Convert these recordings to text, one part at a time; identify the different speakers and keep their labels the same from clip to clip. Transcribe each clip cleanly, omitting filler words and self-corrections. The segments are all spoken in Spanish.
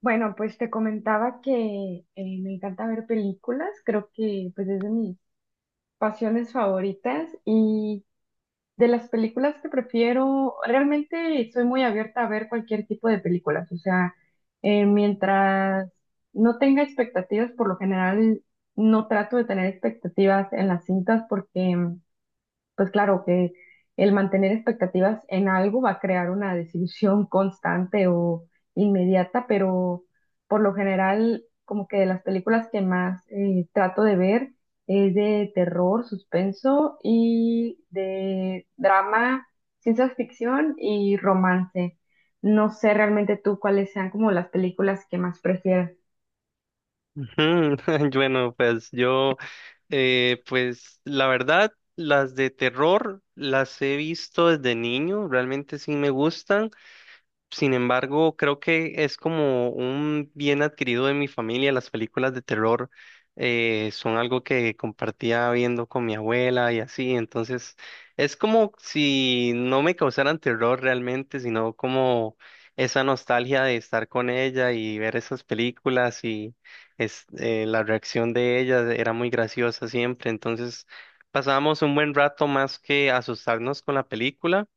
Speaker 1: Bueno, pues te comentaba que me encanta ver películas, creo que pues es de mis pasiones favoritas y de las películas que prefiero, realmente soy muy abierta a ver cualquier tipo de películas, o sea, mientras no tenga expectativas, por lo general no trato de tener expectativas en las cintas porque pues claro que el mantener expectativas en algo va a crear una desilusión constante o inmediata, pero por lo general, como que de las películas que más trato de ver es de terror, suspenso y de drama, ciencia ficción y romance. No sé realmente tú cuáles sean como las películas que más prefieras.
Speaker 2: Mm, Bueno, pues yo, pues la verdad, las de terror las he visto desde niño, realmente sí me gustan. Sin embargo, creo que es como un bien adquirido de mi familia. Las películas de terror son algo que compartía viendo con mi abuela y así. Entonces, es como si no me causaran terror realmente, sino como esa nostalgia de estar con ella y ver esas películas y la reacción de ella era muy graciosa siempre. Entonces, pasamos un buen rato más que asustarnos con la película,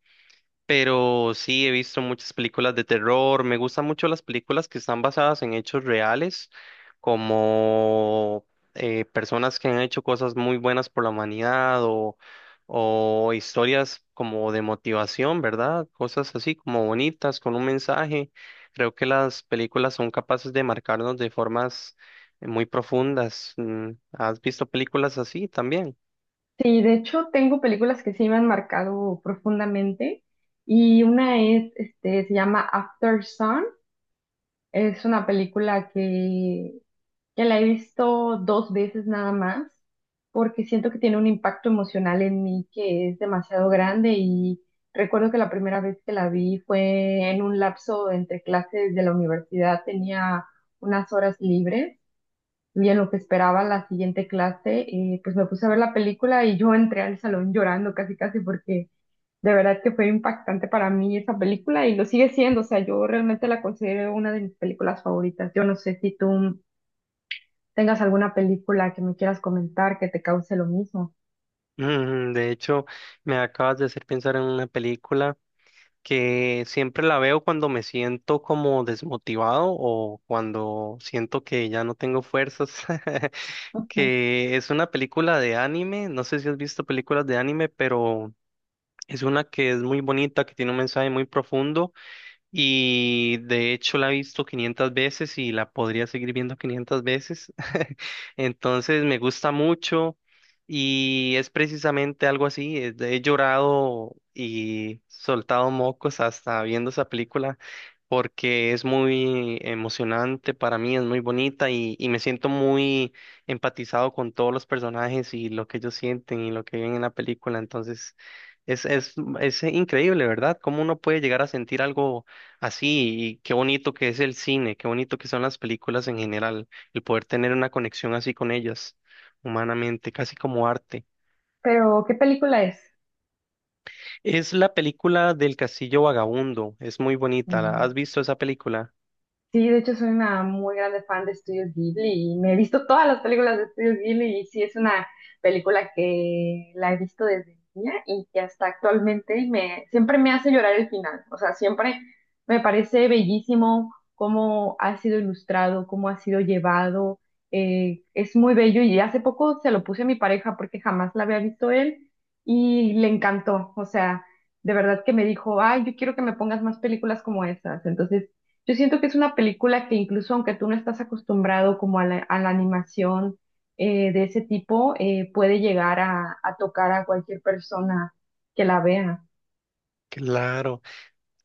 Speaker 2: pero sí, he visto muchas películas de terror. Me gustan mucho las películas que están basadas en hechos reales, como personas que han hecho cosas muy buenas por la humanidad o historias como de motivación, ¿verdad? Cosas así como bonitas, con un mensaje. Creo que las películas son capaces de marcarnos de formas muy profundas. Mm, ¿has visto películas así también?
Speaker 1: Sí, de hecho tengo películas que sí me han marcado profundamente y una es, este, se llama After Sun. Es una película que la he visto dos veces nada más porque siento que tiene un impacto emocional en mí que es demasiado grande y recuerdo que la primera vez que la vi fue en un lapso entre clases de la universidad, tenía unas horas libres. Y en lo que esperaba la siguiente clase, pues me puse a ver la película y yo entré al salón llorando casi casi porque de verdad que fue impactante para mí esa película y lo sigue siendo. O sea, yo realmente la considero una de mis películas favoritas. Yo no sé si tú tengas alguna película que me quieras comentar que te cause lo mismo.
Speaker 2: Mm, de hecho, me acabas de hacer pensar en una película, que siempre la veo cuando me siento como desmotivado o cuando siento que ya no tengo fuerzas,
Speaker 1: Ujú.
Speaker 2: que es una película de anime, no sé si has visto películas de anime, pero es una que es muy bonita, que tiene un mensaje muy profundo y de hecho la he visto 500 veces y la podría seguir viendo 500 veces. Entonces me gusta mucho y es precisamente algo así. Es He llorado y soltado mocos hasta viendo esa película porque es muy emocionante para mí, es muy bonita y me siento muy empatizado con todos los personajes y lo que ellos sienten y lo que ven en la película. Entonces es, es, es increíble, ¿verdad? Cómo uno puede llegar a sentir algo así, y qué bonito que es el cine, qué bonito que son las películas en general, el poder tener una conexión así con ellas, humanamente, casi como arte.
Speaker 1: Pero, ¿qué película es?
Speaker 2: Es la película del Castillo Vagabundo, es muy bonita, ¿has visto esa película?
Speaker 1: Sí, de hecho soy una muy grande fan de Estudios Ghibli y me he visto todas las películas de Estudios Ghibli y sí es una película que la he visto desde niña y que hasta actualmente y me siempre me hace llorar el final. O sea, siempre me parece bellísimo cómo ha sido ilustrado, cómo ha sido llevado. Es muy bello y hace poco se lo puse a mi pareja porque jamás la había visto él y le encantó. O sea, de verdad que me dijo, ay, yo quiero que me pongas más películas como esas. Entonces yo siento que es una película que incluso aunque tú no estás acostumbrado como a la animación de ese tipo, puede llegar a tocar a cualquier persona que la vea.
Speaker 2: Claro,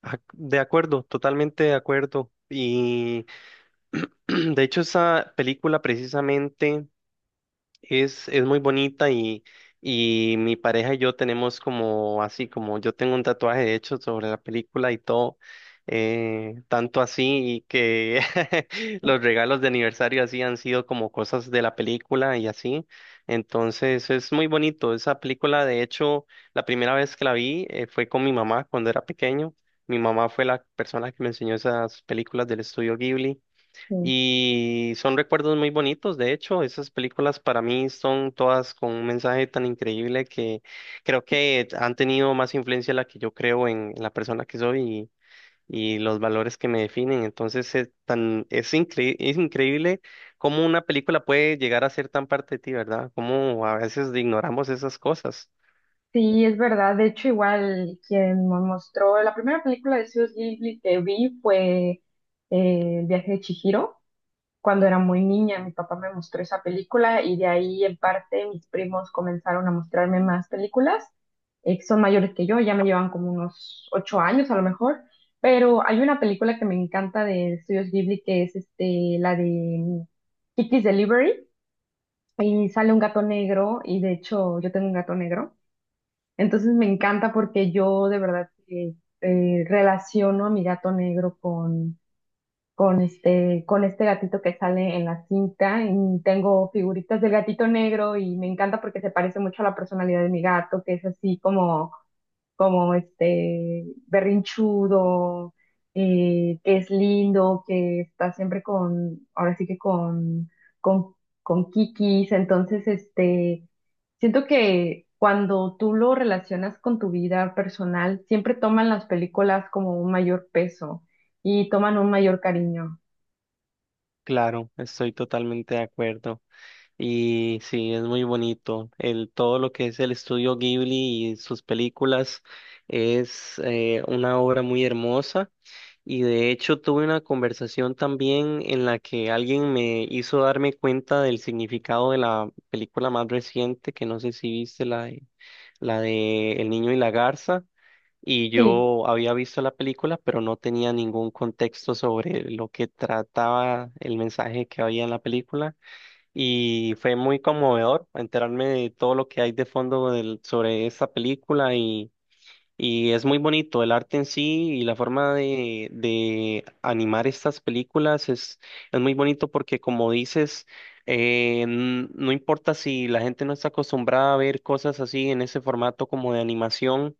Speaker 2: de acuerdo, totalmente de acuerdo. Y de hecho esa película precisamente... Es muy bonita y mi pareja y yo tenemos como así, como yo tengo un tatuaje hecho sobre la película y todo, tanto así y que los regalos de aniversario así han sido como cosas de la película y así. Entonces es muy bonito. Esa película, de hecho, la primera vez que la vi fue con mi mamá cuando era pequeño. Mi mamá fue la persona que me enseñó esas películas del estudio Ghibli.
Speaker 1: Sí,
Speaker 2: Y son recuerdos muy bonitos, de hecho, esas películas para mí son todas con un mensaje tan increíble que creo que han tenido más influencia la que yo creo la persona que soy y los valores que me definen. Entonces es increíble cómo una película puede llegar a ser tan parte de ti, ¿verdad? Cómo a veces ignoramos esas cosas.
Speaker 1: sí, es verdad. De hecho, igual quien me mostró la primera película de Studio Ghibli que vi fue El viaje de Chihiro. Cuando era muy niña, mi papá me mostró esa película y de ahí en parte mis primos comenzaron a mostrarme más películas, que son mayores que yo, ya me llevan como unos 8 años a lo mejor, pero hay una película que me encanta de Estudios Ghibli que es este, la de Kiki's Delivery y sale un gato negro y de hecho yo tengo un gato negro, entonces me encanta porque yo de verdad que, relaciono a mi gato negro con con este gatito que sale en la cinta. Y tengo figuritas del gatito negro y me encanta porque se parece mucho a la personalidad de mi gato, que es así como este berrinchudo, que es lindo, que está siempre con, ahora sí que con, con kikis. Entonces, este, siento que cuando tú lo relacionas con tu vida personal, siempre toman las películas como un mayor peso y toman un mayor cariño.
Speaker 2: Claro, estoy totalmente de acuerdo. Y sí, es muy bonito. Todo lo que es el estudio Ghibli y sus películas es una obra muy hermosa. Y de hecho tuve una conversación también en la que alguien me hizo darme cuenta del significado de la película más reciente, que no sé si viste la de El niño y la garza. Y
Speaker 1: Sí,
Speaker 2: yo había visto la película, pero no tenía ningún contexto sobre lo que trataba el mensaje que había en la película y fue muy conmovedor enterarme de todo lo que hay de fondo sobre esta película y es muy bonito el arte en sí y la forma de animar estas películas es muy bonito porque como dices, no importa si la gente no está acostumbrada a ver cosas así en ese formato como de animación.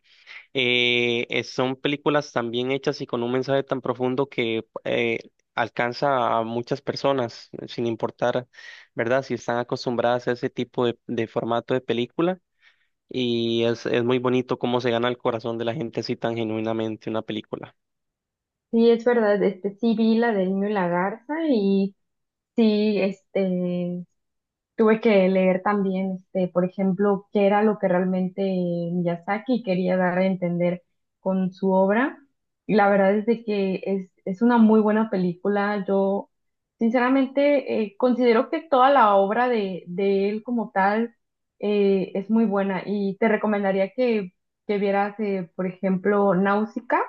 Speaker 2: Son películas tan bien hechas y con un mensaje tan profundo que alcanza a muchas personas, sin importar, ¿verdad? Si están acostumbradas a ese tipo de formato de película. Es muy bonito cómo se gana el corazón de la gente así tan genuinamente una película.
Speaker 1: sí, es verdad, este, sí vi la del niño y la garza y sí, este, tuve que leer también, este, por ejemplo, qué era lo que realmente Miyazaki quería dar a entender con su obra. Y la verdad es de que es una muy buena película. Yo, sinceramente, considero que toda la obra de él como tal es muy buena y te recomendaría que vieras, por ejemplo, Náusica,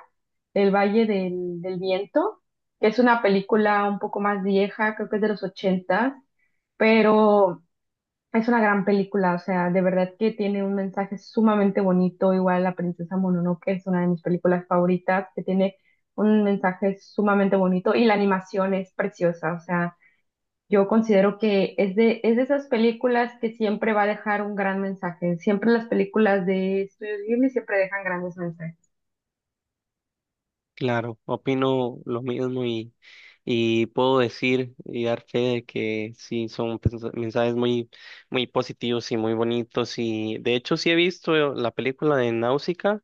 Speaker 1: El Valle del Viento, que es una película un poco más vieja, creo que es de los ochentas pero es una gran película, o sea, de verdad que tiene un mensaje sumamente bonito, igual La Princesa Mononoke es una de mis películas favoritas, que tiene un mensaje sumamente bonito y la animación es preciosa, o sea, yo considero que es de esas películas que siempre va a dejar un gran mensaje, siempre las películas de Estudios Ghibli siempre dejan grandes mensajes.
Speaker 2: Claro, opino lo mismo y puedo decir y dar fe de que sí, son mensajes muy positivos y muy bonitos. Y de hecho sí he visto la película de Náusica.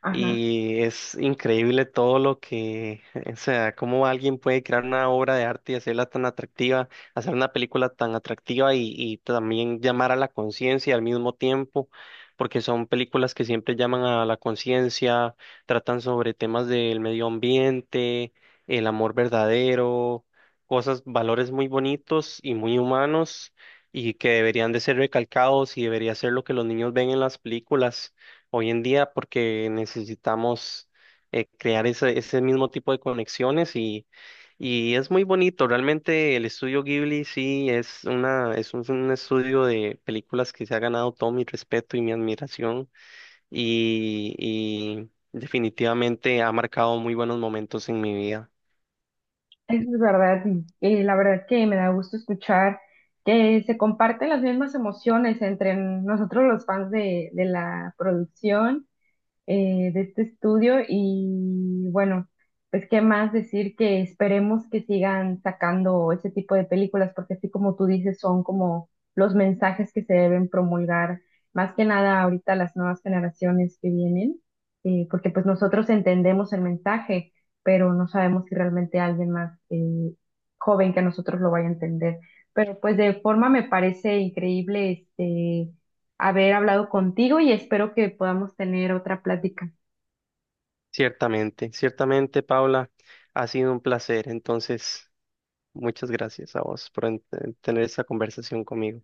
Speaker 1: Ajá.
Speaker 2: Y es increíble todo lo que, o sea, cómo alguien puede crear una obra de arte y hacerla tan atractiva, hacer una película tan atractiva y también llamar a la conciencia al mismo tiempo, porque son películas que siempre llaman a la conciencia, tratan sobre temas del medio ambiente, el amor verdadero, cosas, valores muy bonitos y muy humanos y que deberían de ser recalcados y debería ser lo que los niños ven en las películas hoy en día porque necesitamos crear ese mismo tipo de conexiones y es muy bonito. Realmente el estudio Ghibli sí es una, es un estudio de películas que se ha ganado todo mi respeto y mi admiración y definitivamente ha marcado muy buenos momentos en mi vida.
Speaker 1: Eso es verdad, y la verdad que me da gusto escuchar que se comparten las mismas emociones entre nosotros los fans de la producción de este estudio y bueno, pues qué más decir que esperemos que sigan sacando ese tipo de películas porque así como tú dices son como los mensajes que se deben promulgar más que nada ahorita las nuevas generaciones que vienen porque pues nosotros entendemos el mensaje pero no sabemos si realmente alguien más joven que nosotros lo vaya a entender. Pero pues de forma me parece increíble este haber hablado contigo y espero que podamos tener otra plática.
Speaker 2: Ciertamente, ciertamente, Paula, ha sido un placer. Entonces, muchas gracias a vos por tener esta conversación conmigo.